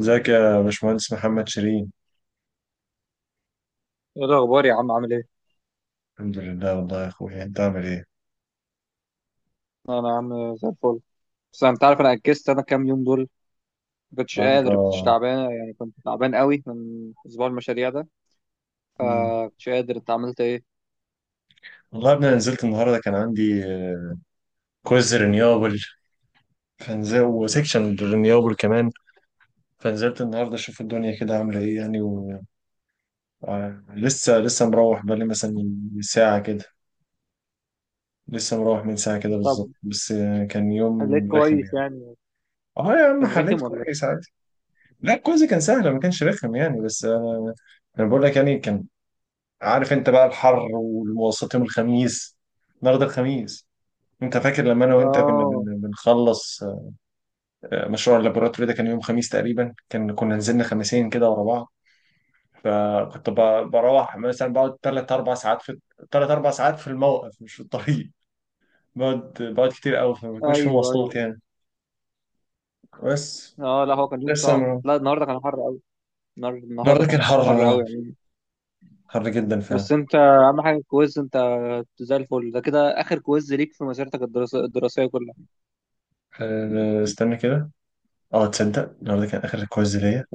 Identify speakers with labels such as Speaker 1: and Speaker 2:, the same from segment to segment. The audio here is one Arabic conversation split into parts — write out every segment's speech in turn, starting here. Speaker 1: ازيك يا باشمهندس محمد شيرين؟
Speaker 2: ايه الاخبار يا عم عامل ايه؟
Speaker 1: الحمد لله والله يا اخويا، انت عامل ايه؟
Speaker 2: انا يا عم زي الفل. بس انت عارف انا اجزت انا كام يوم دول، ما كنتش
Speaker 1: انت
Speaker 2: قادر، كنتش تعبان يعني، كنت تعبان قوي من اسبوع المشاريع ده.
Speaker 1: مم.
Speaker 2: فما كنتش قادر. انت عملت ايه؟
Speaker 1: والله يا ابني أنا نزلت النهارده، كان عندي كويز رينيوبل فنزل وسيكشن رينيوبل كمان. فنزلت النهارده اشوف الدنيا كده عامله ايه يعني و... لسه مروح بقالي مثلا من ساعه كده. لسه مروح من ساعه كده
Speaker 2: طب
Speaker 1: بالظبط، بس كان
Speaker 2: خليك
Speaker 1: يوم رخم
Speaker 2: كويس
Speaker 1: يعني.
Speaker 2: يعني.
Speaker 1: اه يا عم،
Speaker 2: كان
Speaker 1: حليت
Speaker 2: رخم ولا
Speaker 1: كويس
Speaker 2: ايه؟
Speaker 1: عادي. لا الكويز كان سهل، ما كانش رخم يعني، بس انا بقول لك يعني كان، عارف انت بقى الحر والوسط يوم الخميس. النهارده الخميس. انت فاكر لما انا وانت كنا
Speaker 2: اه
Speaker 1: بنخلص مشروع اللابوراتوري ده؟ كان يوم خميس تقريبا، كان كنا نزلنا خميسين كده ورا بعض. فكنت بروح مثلا بقعد ثلاث اربع ساعات في، ثلاث اربع ساعات في الموقف مش في الطريق. بقعد كتير قوي، فما بيكونش في
Speaker 2: ايوه ايوه.
Speaker 1: مواصلات يعني. بس
Speaker 2: اه لا هو كان يوم
Speaker 1: لسه
Speaker 2: صعب،
Speaker 1: ما-
Speaker 2: لا النهارده كان حر قوي. النهارده
Speaker 1: النهارده كان
Speaker 2: كان
Speaker 1: حر،
Speaker 2: حر
Speaker 1: اه،
Speaker 2: قوي يعني.
Speaker 1: حر جدا
Speaker 2: بس
Speaker 1: فعلا.
Speaker 2: انت اهم حاجه الكويز، انت زي الفل، ده كده اخر كويز ليك في مسيرتك الدراسيه الدراسيه كلها.
Speaker 1: استنى كده. اه، تصدق النهارده كان اخر كويز ليا؟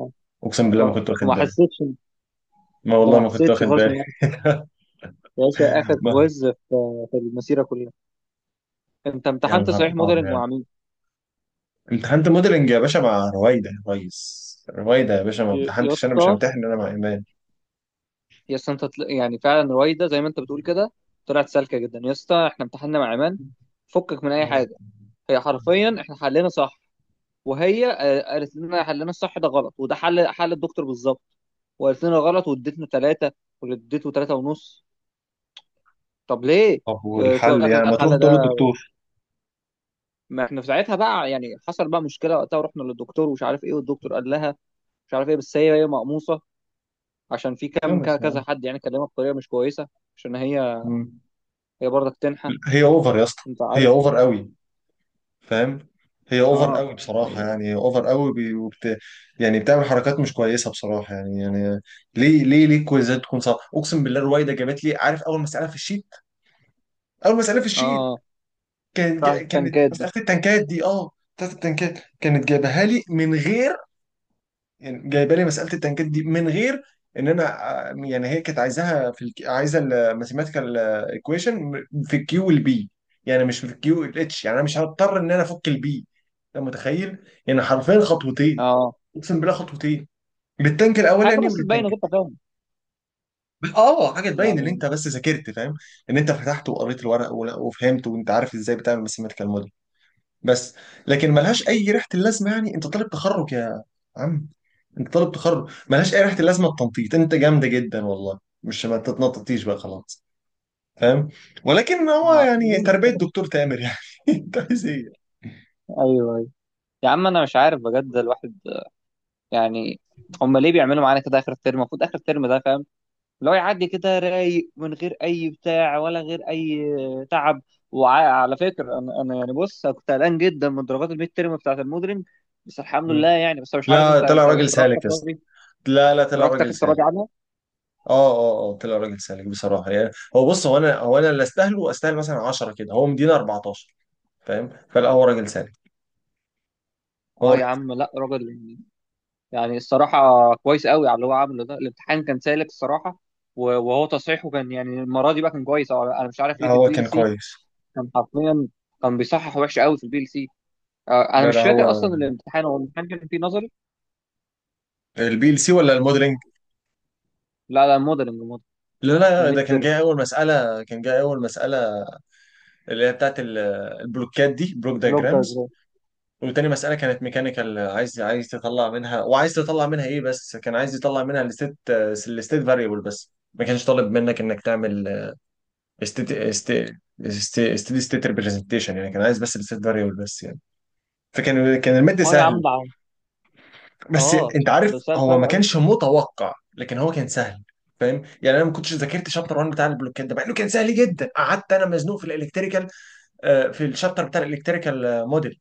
Speaker 1: اقسم بالله ما
Speaker 2: اه
Speaker 1: كنت واخد
Speaker 2: وما
Speaker 1: بالي.
Speaker 2: حسيتش؟
Speaker 1: ما
Speaker 2: انت
Speaker 1: والله
Speaker 2: ما
Speaker 1: ما كنت
Speaker 2: حسيتش
Speaker 1: واخد
Speaker 2: خالص ان...
Speaker 1: بالي.
Speaker 2: يا باشا اخر
Speaker 1: ما
Speaker 2: كويز في المسيره كلها. انت
Speaker 1: يا
Speaker 2: امتحنت
Speaker 1: نهار
Speaker 2: صحيح
Speaker 1: ابيض
Speaker 2: موديلنج
Speaker 1: يعني.
Speaker 2: مع مين؟
Speaker 1: امتحنت موديلنج يا باشا مع رويده، يا ريس رويده يا باشا، ما
Speaker 2: يا
Speaker 1: امتحنتش انا، مش
Speaker 2: اسطى،
Speaker 1: همتحن انا مع ايمان.
Speaker 2: يا اسطى انت يعني فعلا رويده زي ما انت بتقول كده، طلعت سالكه جدا يا اسطى. احنا امتحنا مع ايمان، فكك من اي
Speaker 1: مم.
Speaker 2: حاجه. هي حرفيا احنا حلينا صح، وهي قالت لنا حلنا الصح ده غلط، وده حل الدكتور بالظبط. وقالت لنا غلط واديتنا 3، واللي اديته 3.5. طب ليه؟
Speaker 1: طب
Speaker 2: تقول
Speaker 1: والحل
Speaker 2: لك
Speaker 1: يعني
Speaker 2: لا،
Speaker 1: ما تروح
Speaker 2: الحل
Speaker 1: تقول
Speaker 2: ده...
Speaker 1: للدكتور؟
Speaker 2: ما احنا في ساعتها بقى يعني حصل بقى مشكله وقتها ورحنا للدكتور ومش عارف ايه، والدكتور قال لها مش عارف ايه. بس هي مقموصه عشان في
Speaker 1: لا
Speaker 2: كام
Speaker 1: بس يعني،
Speaker 2: كذا حد يعني كلمها بطريقه مش كويسه، عشان هي
Speaker 1: مم.
Speaker 2: هي برضك تنحى.
Speaker 1: هي اوفر يا اسطى.
Speaker 2: انت
Speaker 1: هي
Speaker 2: عارف.
Speaker 1: اوفر قوي، فاهم؟ هي اوفر
Speaker 2: اه
Speaker 1: قوي بصراحه يعني، اوفر قوي وبت... يعني بتعمل حركات مش كويسه بصراحه يعني يعني. ليه الكويزات تكون صعبه؟ اقسم بالله رويده جابت لي، عارف، اول مساله في الشيت، اول مساله في الشيت
Speaker 2: اه.
Speaker 1: كانت
Speaker 2: بتاعت
Speaker 1: كانت
Speaker 2: التنكات دي.
Speaker 1: مسألة التنكات دي. اه، بتاعت التنكات كانت جايبها لي من غير، يعني جايبه لي مسألة التنكات دي من غير ان انا يعني هي كانت عايزاها في عايزه الماثيماتيكال ايكويشن في الكيو والبي، يعني مش في الكيو والاتش، يعني انا مش هضطر ان انا افك البي. انت متخيل؟ يعني حرفيا خطوتين،
Speaker 2: اه،
Speaker 1: اقسم بالله خطوتين، للتانك
Speaker 2: حاجه
Speaker 1: الاولاني
Speaker 2: بس تبين
Speaker 1: وللتانك
Speaker 2: غير
Speaker 1: التاني.
Speaker 2: تفاهم
Speaker 1: اه، حاجه تبين ان
Speaker 2: يعني.
Speaker 1: انت بس ذاكرت، فاهم؟ ان انت فتحت وقريت الورق وفهمت وانت عارف ازاي بتعمل ماثيماتيكال موديل، بس. لكن ملهاش اي ريحه اللازمه، يعني انت طالب تخرج يا عم، انت طالب تخرج، ملهاش اي ريحه اللازمه. التنطيط انت جامده جدا والله، مش ما تتنططيش بقى خلاص، فاهم؟ ولكن هو
Speaker 2: ما دي
Speaker 1: يعني تربيه
Speaker 2: مشكله.
Speaker 1: دكتور تامر يعني. انت عايز ايه؟
Speaker 2: ايوه ايوه. يا عم انا مش عارف بجد الواحد يعني. هم ليه بيعملوا معانا كده اخر الترم؟ المفروض اخر الترم ده فاهم، اللي هو يعدي كده رايق من غير اي بتاع ولا غير اي تعب. وعلى فكره انا يعني بص، أنا كنت قلقان جدا من درجات الميد تيرم بتاعت المودرن، بس الحمد لله
Speaker 1: مم.
Speaker 2: يعني. بس أنا مش عارف انت
Speaker 1: لا طلع
Speaker 2: انت
Speaker 1: راجل
Speaker 2: درجتك
Speaker 1: سالك يا اسطى،
Speaker 2: راضي؟
Speaker 1: لا لا طلع
Speaker 2: درجتك
Speaker 1: راجل
Speaker 2: انت
Speaker 1: سالك.
Speaker 2: راضي عنها؟
Speaker 1: اه اه اه، طلع راجل سالك بصراحه يعني. هو بص، هو انا اللي استاهله، استاهل مثلا 10 كده هو مدينه 14، فاهم؟ فلا، هو راجل سالك، هو
Speaker 2: اه يا
Speaker 1: راجل
Speaker 2: عم
Speaker 1: سالك.
Speaker 2: لا، راجل يعني، يعني الصراحه كويس قوي على اللي هو عامله، ده الامتحان كان سالك الصراحه. وهو تصحيحه كان يعني المره دي بقى كان كويس، أو انا مش عارف
Speaker 1: لا
Speaker 2: ليه في
Speaker 1: هو
Speaker 2: البي ال
Speaker 1: كان
Speaker 2: سي
Speaker 1: كويس.
Speaker 2: كان حرفيا كان بيصحح وحش قوي في البي ال سي. انا
Speaker 1: لا
Speaker 2: مش
Speaker 1: لا،
Speaker 2: فاكر
Speaker 1: هو
Speaker 2: اصلا الامتحان، هو الامتحان كان فيه نظري؟
Speaker 1: البي ال سي ولا الموديلنج؟
Speaker 2: لا لا، مودرنج،
Speaker 1: لا لا، ده
Speaker 2: الميد
Speaker 1: كان
Speaker 2: ترم،
Speaker 1: جاي اول مساله، كان جاي اول مساله اللي هي بتاعت البلوكات دي، بلوك
Speaker 2: بلوك
Speaker 1: دايجرامز.
Speaker 2: دايجرام.
Speaker 1: وتاني مساله كانت ميكانيكال، عايز عايز تطلع منها، وعايز تطلع منها ايه، بس كان عايز يطلع منها الستيت، الستيت فاريبل بس، ما كانش طالب منك انك تعمل ستيت ستيت ريبريزنتيشن، يعني كان عايز بس الستيت فاريبل بس يعني. فكان كان المد
Speaker 2: ما يا عم
Speaker 1: سهل.
Speaker 2: ده عم.
Speaker 1: بس
Speaker 2: اه
Speaker 1: انت عارف
Speaker 2: بس هي
Speaker 1: هو
Speaker 2: سهله
Speaker 1: ما
Speaker 2: قوي.
Speaker 1: كانش متوقع، لكن هو كان سهل، فاهم؟ يعني انا ما كنتش ذاكرت شابتر 1 بتاع البلوكات ده، مع انه كان سهل جدا. قعدت انا مزنوق في الالكتريكال، في الشابتر بتاع الالكتريكال موديل.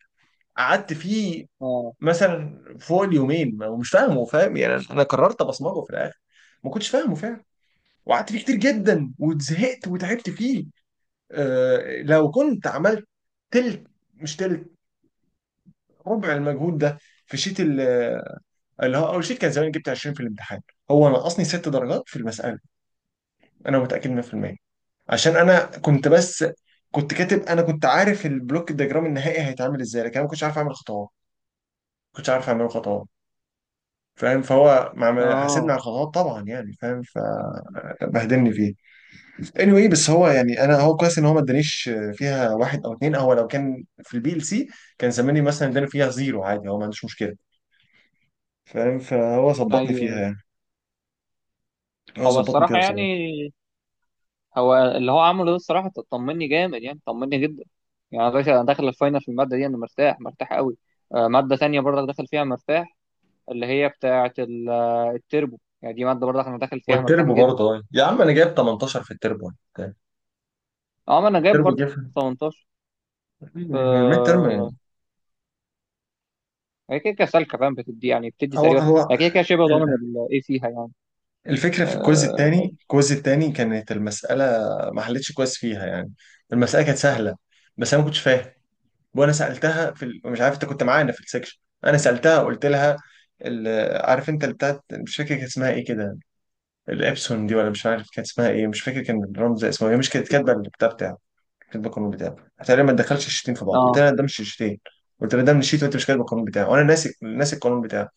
Speaker 1: قعدت فيه
Speaker 2: اه
Speaker 1: مثلا فوق اليومين ومش فاهمه، فاهم؟ يعني انا قررت ابصمجه في الاخر، ما كنتش فاهمه فعلا، وقعدت فيه كتير جدا وزهقت وتعبت فيه. لو كنت عملت تلت، مش تلت، ربع المجهود ده في شيت، اللي هو اول شيء، كان زمان جبت 20 في الامتحان. هو نقصني ست درجات في المساله، انا متاكد 100%. عشان انا كنت بس، كنت كاتب، انا كنت عارف البلوك الدياجرام النهائي هيتعمل ازاي، لكن انا ما كنتش عارف اعمل خطوات، ما كنتش عارف اعمل خطوات، فاهم؟ فهو مع ما حاسبني
Speaker 2: اه
Speaker 1: على الخطوات طبعا يعني، فاهم؟ فبهدلني فيه. anyway، بس هو يعني، انا هو كويس ان هو ما ادانيش فيها واحد او اتنين، هو لو كان في البي ال سي كان زماني مثلا اداني فيها زيرو عادي، هو ما عندوش مشكله، فاهم؟ فهو ظبطني فيها
Speaker 2: ايوه.
Speaker 1: يعني، هو
Speaker 2: هو
Speaker 1: ظبطني فيها
Speaker 2: الصراحه يعني،
Speaker 1: بصراحه.
Speaker 2: هو اللي هو عمله ده الصراحه طمني جامد يعني، طمني جدا. يعني يا باشا انا داخل الفاينل في الماده دي انا مرتاح، مرتاح قوي. ماده تانية برضك داخل فيها مرتاح، اللي هي بتاعه التربو، يعني دي ماده برضك انا داخل فيها مرتاح
Speaker 1: والتربو
Speaker 2: جدا.
Speaker 1: برضه يا عم، انا جايب 18 في التربو.
Speaker 2: اه ما انا جايب
Speaker 1: التربو جه
Speaker 2: برضك
Speaker 1: في
Speaker 2: 18.
Speaker 1: الميد ترم.
Speaker 2: آه، هي كده كده سالكه، فاهم، بتدي يعني، بتدي
Speaker 1: هو
Speaker 2: تقريبا.
Speaker 1: هو
Speaker 2: هي كده كده شبه ضامن الايه فيها يعني.
Speaker 1: الفكره في الكويز
Speaker 2: اه.
Speaker 1: التاني، الكويز التاني كانت المساله ما حلتش كويس فيها يعني. المساله كانت سهله، بس انا ما كنتش فاهم. وانا سالتها في مش عارف انت كنت معانا في السكشن، انا سالتها قلت لها ال... عارف انت اللي بتاعت، مش فاكر كانت اسمها ايه كده، الابسون دي ولا مش عارف كانت اسمها ايه، مش فاكر كان الرمز اسمه، هي مش كانت كاتبه البتاع بتاعها، كاتب القانون بتاعه. قلت له ما تدخلش الشيتين في بعض، قلت
Speaker 2: آه.
Speaker 1: له ده مش الشيتين، قلت له ده من الشيت، وانت مش كاتب القانون بتاعه، وانا ناسي القانون بتاعه.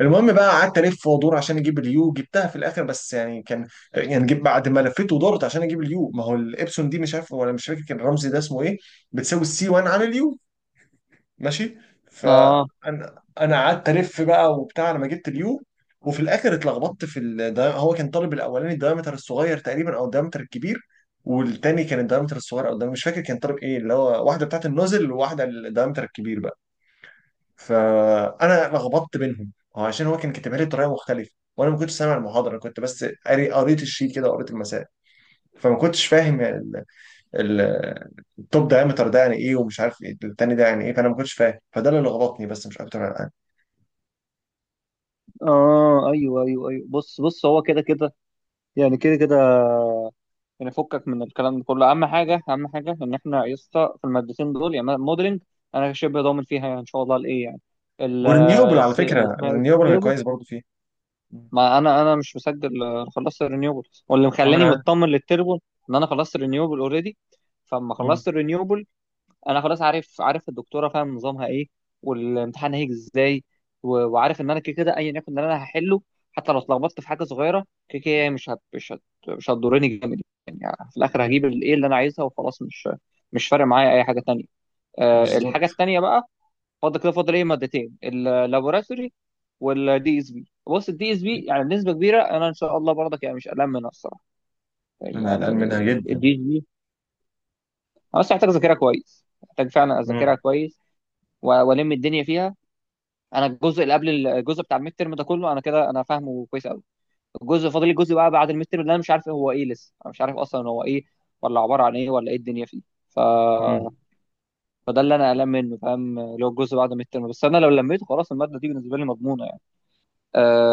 Speaker 1: المهم بقى قعدت الف وادور عشان اجيب اليو، جبتها في الاخر، بس يعني كان، يعني جيب بعد ما لفيت ودورت عشان اجيب اليو، ما هو الابسون دي، مش عارف، ولا مش فاكر كان الرمز ده اسمه ايه، بتساوي السي وانا عامل يو، ماشي.
Speaker 2: اه
Speaker 1: فانا قعدت الف بقى وبتاع لما جبت اليو. وفي الاخر اتلخبطت في هو كان طالب الاولاني الدايمتر الصغير تقريبا او الدايمتر الكبير، والتاني كان الدايمتر الصغير او الدايمتر، مش فاكر كان طالب ايه، اللي هو واحده بتاعت النوزل وواحده الدايمتر الكبير بقى. فانا لخبطت بينهم، هو عشان هو كان كاتبها لي بطريقه مختلفه، وانا ما كنتش سامع المحاضره، انا كنت بس قاري، قريت الشيت كده وقريت المسائل، فما كنتش فاهم ال- التوب دايمتر ده يعني ايه، ومش عارف ايه التاني ده يعني ايه، فانا ما كنتش فاهم، فده اللي لخبطني بس مش اكتر الان.
Speaker 2: اه ايوه ايوه ايوه، بص بص، هو كده كده يعني، كده كده يعني. فكك من الكلام ده كله، اهم حاجه، اهم حاجه ان احنا يا اسطى في المادتين دول، يعني موديلنج انا شبه ضامن فيها، يعني ان شاء الله الايه يعني. ال-
Speaker 1: والرينيوبل، على
Speaker 2: اللي
Speaker 1: فكره
Speaker 2: اسمها إيه؟
Speaker 1: الرينيوبل انا
Speaker 2: التربو.
Speaker 1: كويس برضو فيه. مم.
Speaker 2: ما انا مش مسجل. خلصت الرينيوبل، واللي
Speaker 1: عامل
Speaker 2: مخلاني
Speaker 1: ايه؟
Speaker 2: مطمن للتربو ان انا خلصت الرينيوبل اوريدي. فلما
Speaker 1: مم.
Speaker 2: خلصت الرينيوبل انا خلاص عارف، عارف الدكتوره فاهم نظامها ايه والامتحان هيجي ازاي. وعارف ان انا كده كده ايا يكن اللي انا هحله، حتى لو اتلخبطت في حاجه صغيره كده كده هي مش هتضرني جامد يعني. في الاخر
Speaker 1: مم.
Speaker 2: هجيب الايه اللي انا عايزها وخلاص، مش فارق معايا اي حاجه تانية. الحاجه
Speaker 1: بالظبط.
Speaker 2: التانية بقى، فاضل كده، فاضل ايه؟ مادتين، اللابوراتوري والدي اس بي. بص الدي اس بي يعني بنسبه كبيره انا ان شاء الله برضك يعني مش قلقان منها الصراحه،
Speaker 1: انا قلقان
Speaker 2: يعني.
Speaker 1: منها جدا.
Speaker 2: الدي اس بي انا بس محتاج اذاكرها كويس، محتاج فعلا
Speaker 1: مم.
Speaker 2: اذاكرها كويس، والم الدنيا فيها. انا الجزء اللي قبل الجزء بتاع الميد ترم ده كله انا كده انا فاهمه كويس قوي. الجزء فاضل لي الجزء بقى بعد الميد ترم اللي انا مش عارف هو ايه، لسه انا مش عارف اصلا هو ايه، ولا عباره عن ايه، ولا ايه الدنيا فيه. ف...
Speaker 1: مم.
Speaker 2: فده اللي انا قلقان منه، فاهم، اللي هو الجزء بعد الميد ترم. بس انا لو لميته خلاص الماده دي بالنسبه لي مضمونه يعني.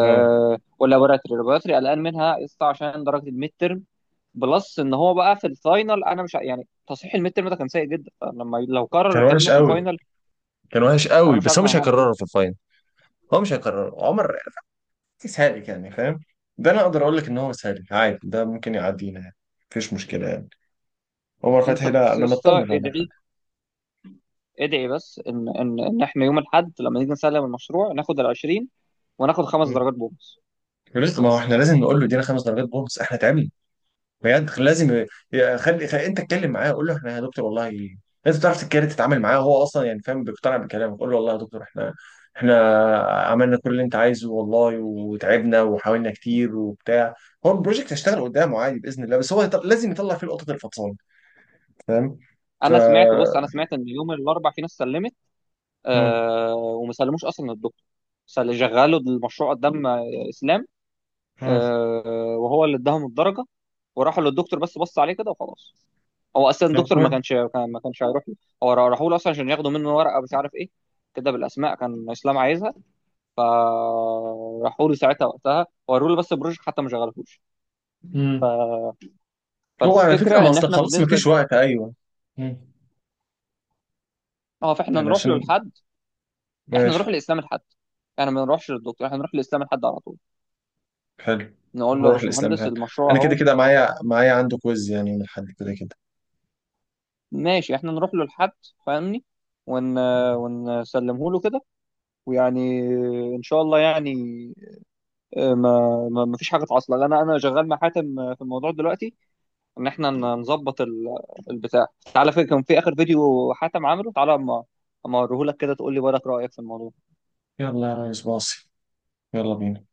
Speaker 1: اه،
Speaker 2: واللابوراتري، اللابوراتري قلقان منها يسطا عشان درجه الميد ترم، بلس ان هو بقى في الفاينل انا مش يعني تصحيح الميد ترم ده كان سيء جدا، فلما لو كرر
Speaker 1: كان
Speaker 2: الكلام
Speaker 1: وحش
Speaker 2: ده في
Speaker 1: قوي،
Speaker 2: الفاينل
Speaker 1: كان وحش
Speaker 2: انا
Speaker 1: قوي،
Speaker 2: مش
Speaker 1: بس
Speaker 2: عارف
Speaker 1: هو
Speaker 2: انا
Speaker 1: مش
Speaker 2: هعمل
Speaker 1: هيكرره في
Speaker 2: ايه.
Speaker 1: الفاينل. هو مش هيكرره. عمر سالك يعني، فاهم؟ ده انا اقدر اقول لك ان هو سالك عادي، ده ممكن يعدينا يعني، مفيش مشكله يعني. عمر
Speaker 2: انت
Speaker 1: فتحي، لا
Speaker 2: بس يا
Speaker 1: انا مطمن
Speaker 2: اسطى
Speaker 1: على عمر
Speaker 2: ادعي،
Speaker 1: فتحي.
Speaker 2: ادعي بس ان احنا يوم الاحد لما نيجي نسلم المشروع ناخد ال 20 وناخد خمس
Speaker 1: مم.
Speaker 2: درجات بونص
Speaker 1: ما هو احنا لازم نقول له
Speaker 2: يعني.
Speaker 1: ادينا خمس درجات بونص، احنا تعبنا بجد. لازم خلي خلي انت اتكلم معاه، قول له احنا يا دكتور والله، لازم تعرف تتكلم تتعامل معاه، هو اصلا يعني فاهم، بيقتنع بكلامك. قول له والله يا دكتور، احنا احنا عملنا كل اللي انت عايزه والله، وتعبنا وحاولنا كتير وبتاع. هو البروجكت هيشتغل قدامه عادي باذن الله، بس هو لازم يطلع فيه لقطه الفطسان، فاهم؟ ف،
Speaker 2: انا سمعت، بص انا سمعت ان يوم الاربع في ناس سلمت،
Speaker 1: مم.
Speaker 2: وما سلموش اصلا الدكتور، شغلوا المشروع قدام اسلام،
Speaker 1: مم.
Speaker 2: وهو اللي اداهم الدرجه وراحوا للدكتور بس بص عليه كده وخلاص. هو اصلا
Speaker 1: طب
Speaker 2: الدكتور ما كانش
Speaker 1: كويس.
Speaker 2: ما كانش هيروح له، هو راحوا له اصلا عشان ياخدوا منه ورقه مش عارف ايه كده بالاسماء كان اسلام عايزها. فراحوا له ساعتها وقتها وروه له، بس البروجكت حتى ما شغلهوش.
Speaker 1: مم. هو على فكره،
Speaker 2: فالفكره
Speaker 1: ما
Speaker 2: ان
Speaker 1: اصل
Speaker 2: احنا
Speaker 1: خلاص ما
Speaker 2: بنسبه...
Speaker 1: فيش وقت، ايوه. مم.
Speaker 2: اه فاحنا
Speaker 1: يعني
Speaker 2: نروح له
Speaker 1: عشان،
Speaker 2: لحد، احنا
Speaker 1: ماشي.
Speaker 2: نروح لاسلام الحد، احنا ما نروحش للدكتور، احنا نروح لاسلام الحد على طول،
Speaker 1: حلو،
Speaker 2: نقول له يا
Speaker 1: نروح الاسلام
Speaker 2: باشمهندس
Speaker 1: الحلو.
Speaker 2: المشروع
Speaker 1: انا كده
Speaker 2: اهو.
Speaker 1: كده معايا، معايا عنده كويز يعني من حد كده كده.
Speaker 2: ماشي، احنا نروح له لحد، فاهمني، ون...
Speaker 1: مم.
Speaker 2: ونسلمه له كده، ويعني ان شاء الله يعني. ما فيش حاجه تعصل، لأن انا شغال مع حاتم في الموضوع دلوقتي، ان احنا نظبط البتاع. تعالى في كان في اخر فيديو حاتم عامله، تعالى اما اوريه لك كده تقول لي بالك رايك في الموضوع.
Speaker 1: يلا يا ريس باصي، يلا بينا.